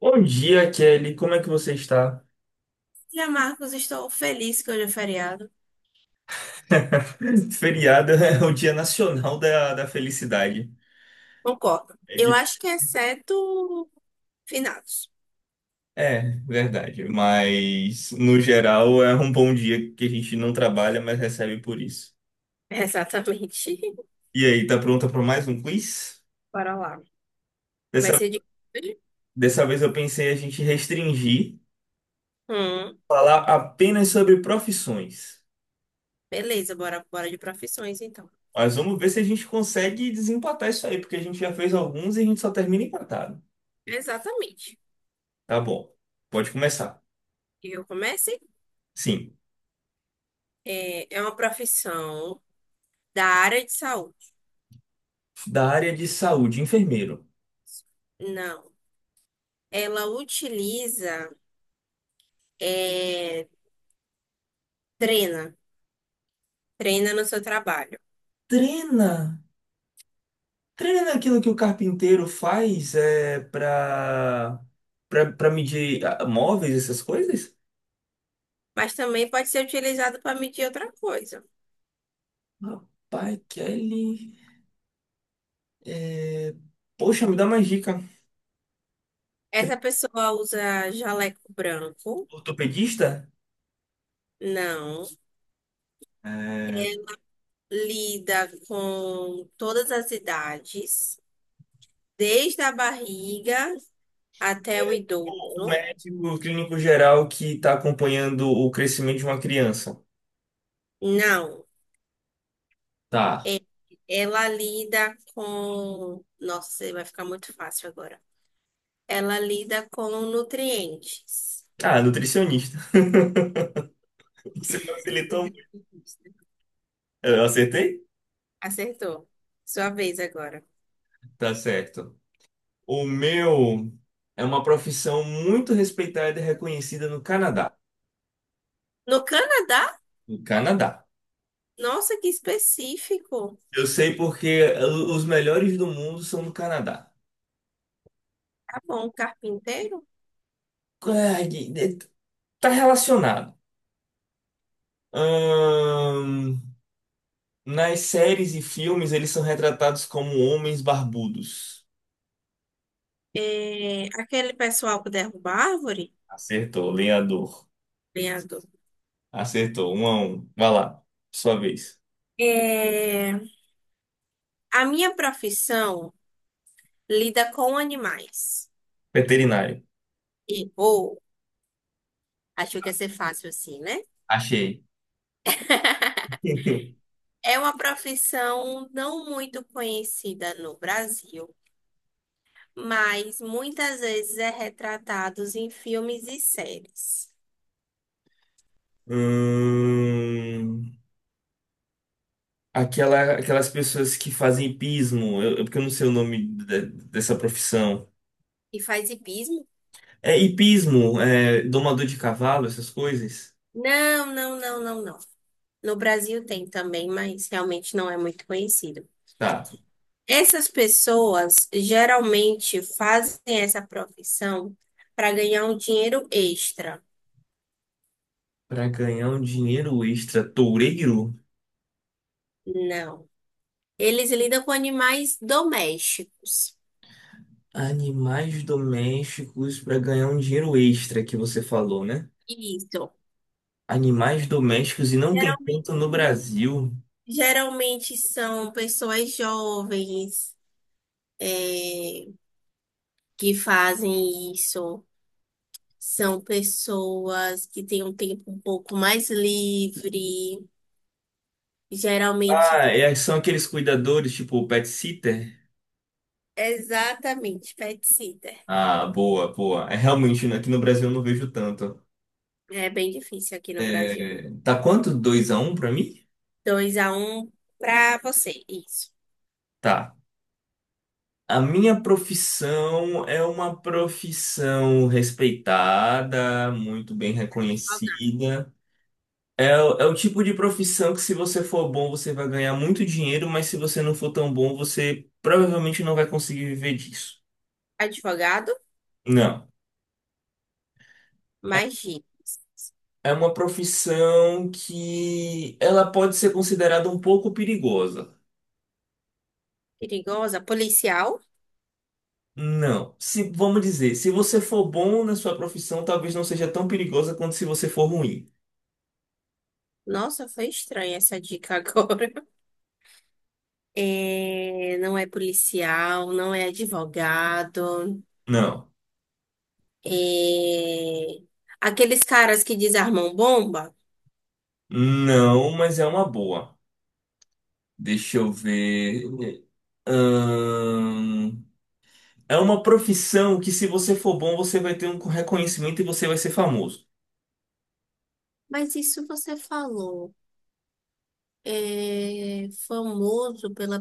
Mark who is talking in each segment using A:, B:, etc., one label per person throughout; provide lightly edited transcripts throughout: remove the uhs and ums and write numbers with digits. A: Bom dia, Kelly. Como é que você está?
B: Dia Marcos, estou feliz que hoje é feriado.
A: Feriado é o Dia Nacional da Felicidade.
B: Concordo.
A: É,
B: Eu acho que exceto finados.
A: é, verdade. Mas, no geral, é um bom dia que a gente não trabalha, mas recebe por isso.
B: Exatamente.
A: E aí, tá pronta para mais um quiz?
B: Bora lá. Vai
A: Dessa,
B: ser de. Hoje?
A: dessa vez eu pensei a gente restringir,
B: Hum,
A: falar apenas sobre profissões.
B: beleza, bora, bora de profissões então.
A: Mas vamos ver se a gente consegue desempatar isso aí, porque a gente já fez alguns e a gente só termina empatado.
B: Exatamente.
A: Tá bom. Pode começar.
B: Eu comecei.
A: Sim.
B: É uma profissão da área de saúde.
A: Da área de saúde, enfermeiro,
B: Não. Ela utiliza, é, treina, treina no seu trabalho.
A: treina, treina naquilo que o carpinteiro faz é, para medir móveis, essas coisas?
B: Mas também pode ser utilizado para medir outra coisa.
A: Rapaz, Kelly, é, poxa, me dá mais dica. Tre-
B: Essa pessoa usa jaleco branco.
A: Ortopedista?
B: Não,
A: É,
B: lida com todas as idades, desde a barriga até o
A: é, o
B: idoso.
A: médico clínico geral que está acompanhando o crescimento de uma criança.
B: Não,
A: Tá.
B: ela lida com. Nossa, vai ficar muito fácil agora. Ela lida com nutrientes.
A: Ah, nutricionista. Você facilitou muito.
B: Nutrientes, né?
A: Eu acertei?
B: Acertou. Sua vez agora.
A: Tá certo. O meu é uma profissão muito respeitada e reconhecida no Canadá.
B: No Canadá?
A: No Canadá.
B: Nossa, que específico.
A: Eu sei porque os melhores do mundo são do Canadá.
B: Tá bom, um carpinteiro?
A: Ah, tá relacionado. Ahn, Nas séries e filmes, eles são retratados como homens barbudos.
B: É, aquele pessoal que derruba árvore?
A: Acertou, lenhador.
B: Lenhador.
A: Acertou, 1-1. Vai lá, sua vez.
B: É, A minha profissão lida com animais.
A: Veterinário.
B: E, ou, acho que ia ser fácil assim, né?
A: Achei.
B: É uma profissão não muito conhecida no Brasil, mas muitas vezes é retratados em filmes e séries.
A: Hum, aquelas pessoas que fazem hipismo, porque eu não sei o nome dessa profissão.
B: E faz hipismo?
A: É hipismo, é domador de cavalo, essas coisas.
B: Não, não, não, não, não. No Brasil tem também, mas realmente não é muito conhecido.
A: Tá.
B: Essas pessoas geralmente fazem essa profissão para ganhar um dinheiro extra.
A: Pra ganhar um dinheiro extra, toureiro?
B: Não. Eles lidam com animais domésticos.
A: Animais domésticos para ganhar um dinheiro extra que você falou, né?
B: Isso.
A: Animais domésticos e não tem tanto
B: Geralmente,
A: no Brasil.
B: geralmente são pessoas jovens, é, que fazem isso. São pessoas que têm um tempo um pouco mais livre. Geralmente,
A: Ah,
B: tá...
A: é, são aqueles cuidadores, tipo o pet sitter?
B: Exatamente, pet sitter.
A: Ah, boa, boa. É realmente, né, aqui no Brasil eu não vejo tanto.
B: É bem difícil aqui no Brasil.
A: É, tá quanto? 2-1 pra mim?
B: 2 a um para você, isso.
A: Tá. A minha profissão é uma profissão respeitada, muito bem reconhecida. É o tipo de profissão que, se você for bom, você vai ganhar muito dinheiro, mas se você não for tão bom, você provavelmente não vai conseguir viver disso.
B: Advogado,
A: Não.
B: magia,
A: É uma profissão que ela pode ser considerada um pouco perigosa.
B: perigosa, policial.
A: Não. Se, vamos dizer, se você for bom na sua profissão, talvez não seja tão perigosa quanto se você for ruim.
B: Nossa, foi estranha essa dica agora. É, não é policial, não é advogado.
A: Não.
B: é, Aqueles caras que desarmam bomba.
A: Não, mas é uma boa. Deixa eu ver. Ahn, É uma profissão que, se você for bom, você vai ter um reconhecimento e você vai ser famoso.
B: Mas isso você falou. É famoso pela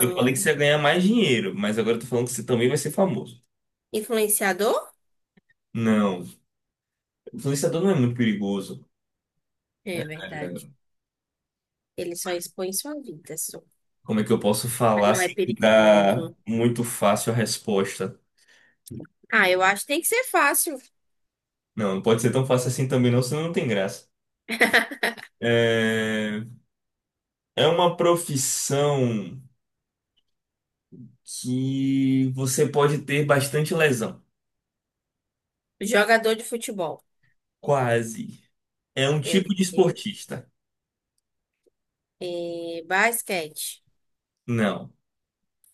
A: Eu falei que você ia ganhar mais dinheiro, mas agora eu tô falando que você também vai ser famoso.
B: Influenciador?
A: Não, influenciador não é muito perigoso.
B: É
A: É,
B: verdade. Ele só expõe sua vida, só.
A: Como é que eu posso
B: Mas
A: falar
B: não é
A: sem que dá
B: perigoso.
A: muito fácil a resposta?
B: Ah, eu acho que tem que ser fácil.
A: Não, não pode ser tão fácil assim também, não, senão não tem graça. É, É uma profissão que você pode ter bastante lesão.
B: Jogador de futebol.
A: Quase. É um
B: Meu
A: tipo de
B: Deus.
A: esportista.
B: É, basquete.
A: Não.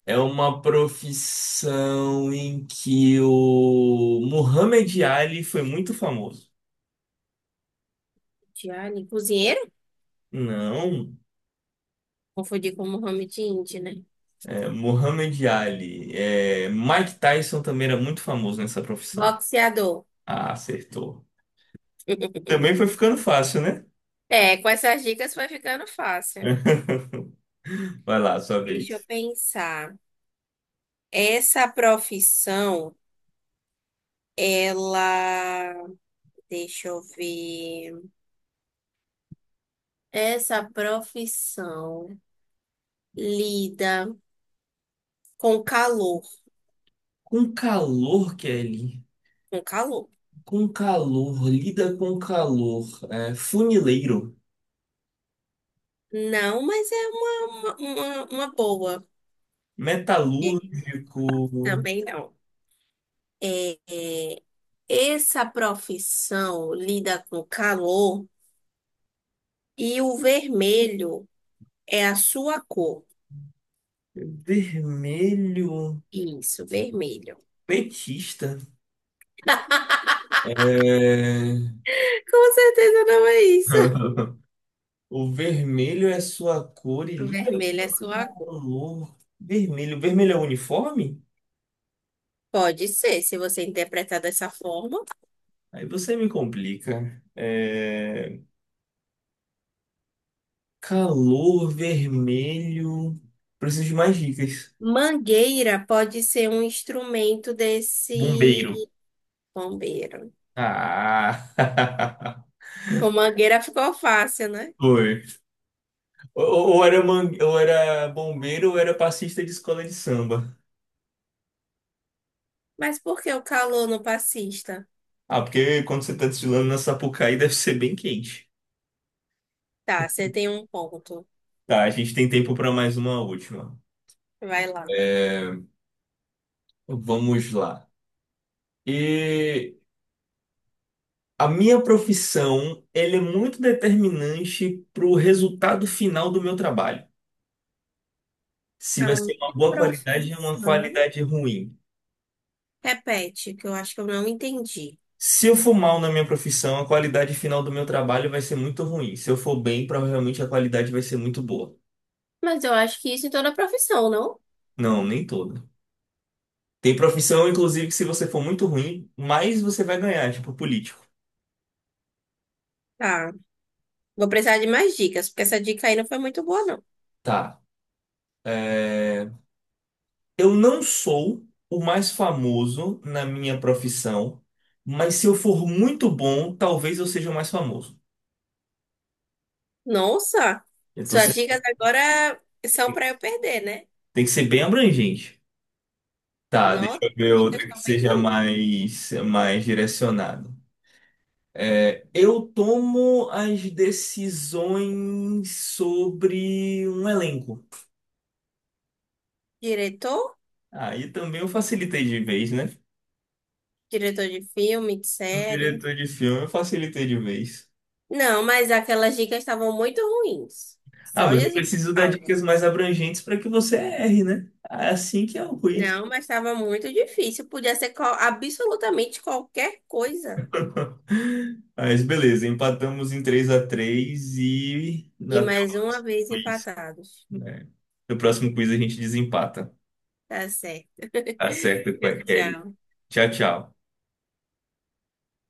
A: É uma profissão em que o Muhammad Ali foi muito famoso.
B: Tiane, cozinheiro?
A: Não,
B: Confundi com Mohamed Indy, né?
A: Muhammad Ali. É, Mike Tyson também era muito famoso nessa profissão.
B: Boxeador.
A: Ah, acertou. Também foi ficando fácil, né?
B: É, com essas dicas vai ficando fácil.
A: Vai lá, sua
B: Deixa eu
A: vez.
B: pensar. Essa profissão, ela. Deixa eu ver. Essa profissão lida com calor.
A: Com o calor, Kelly.
B: Com calor.
A: Com calor, lida com calor. Funileiro,
B: Não, mas é uma, uma boa. É,
A: metalúrgico,
B: também não. É, essa profissão lida com calor e o vermelho. É a sua cor.
A: vermelho,
B: Isso, vermelho.
A: petista. É,
B: Com certeza não é isso.
A: O vermelho é sua cor e lida
B: Vermelho é sua
A: com
B: cor.
A: calor. Vermelho, vermelho é uniforme?
B: Pode ser, se você interpretar dessa forma.
A: Aí você me complica. Calor, vermelho. Preciso de mais dicas.
B: Mangueira pode ser um instrumento desse
A: Bombeiro.
B: bombeiro.
A: Ah,
B: Com mangueira ficou fácil, né?
A: foi. Ou era bombeiro ou era passista de escola de samba.
B: Mas por que o calor no passista?
A: Ah, porque quando você tá desfilando na Sapucaí deve ser bem quente.
B: Tá, você tem um ponto.
A: Tá, a gente tem tempo para mais uma última.
B: Vai lá.
A: É, Vamos lá. E a minha profissão, ela é muito determinante para o resultado final do meu trabalho. Se vai
B: A minha
A: ser uma boa qualidade ou uma
B: profissão.
A: qualidade ruim.
B: Repete, que eu acho que eu não entendi.
A: Se eu for mal na minha profissão, a qualidade final do meu trabalho vai ser muito ruim. Se eu for bem, provavelmente a qualidade vai ser muito boa.
B: Mas eu acho que isso em toda profissão, não?
A: Não, nem toda. Tem profissão, inclusive, que se você for muito ruim, mais você vai ganhar, tipo político.
B: Tá. Vou precisar de mais dicas, porque essa dica aí não foi muito boa, não.
A: Tá. É, Eu não sou o mais famoso na minha profissão, mas se eu for muito bom, talvez eu seja o mais famoso.
B: Nossa,
A: Eu tô
B: suas dicas
A: sendo-
B: agora são para eu perder, né?
A: Tem que ser bem abrangente. Tá, deixa
B: Nossa,
A: eu ver
B: as dicas
A: outra que
B: estão bem
A: seja
B: ruins.
A: mais direcionado. Eu tomo as decisões sobre um elenco.
B: Diretor?
A: Aí também eu facilitei de vez, né?
B: Diretor de filme, de
A: Um
B: série.
A: diretor de filme, eu facilitei de vez.
B: Não, mas aquelas dicas estavam muito ruins.
A: Ah,
B: Só
A: mas eu
B: Jesus
A: preciso dar
B: salva.
A: dicas mais abrangentes para que você erre, né? Assim que é o quiz.
B: Não, mas estava muito difícil. Podia ser qual- absolutamente qualquer coisa.
A: Mas beleza, empatamos em 3-3 e
B: E
A: até o
B: mais uma
A: próximo
B: vez
A: quiz,
B: empatados.
A: né? No próximo quiz a gente desempata.
B: Tá certo.
A: Tá certo com a
B: Tchau,
A: Kelly.
B: tchau.
A: Tchau, tchau.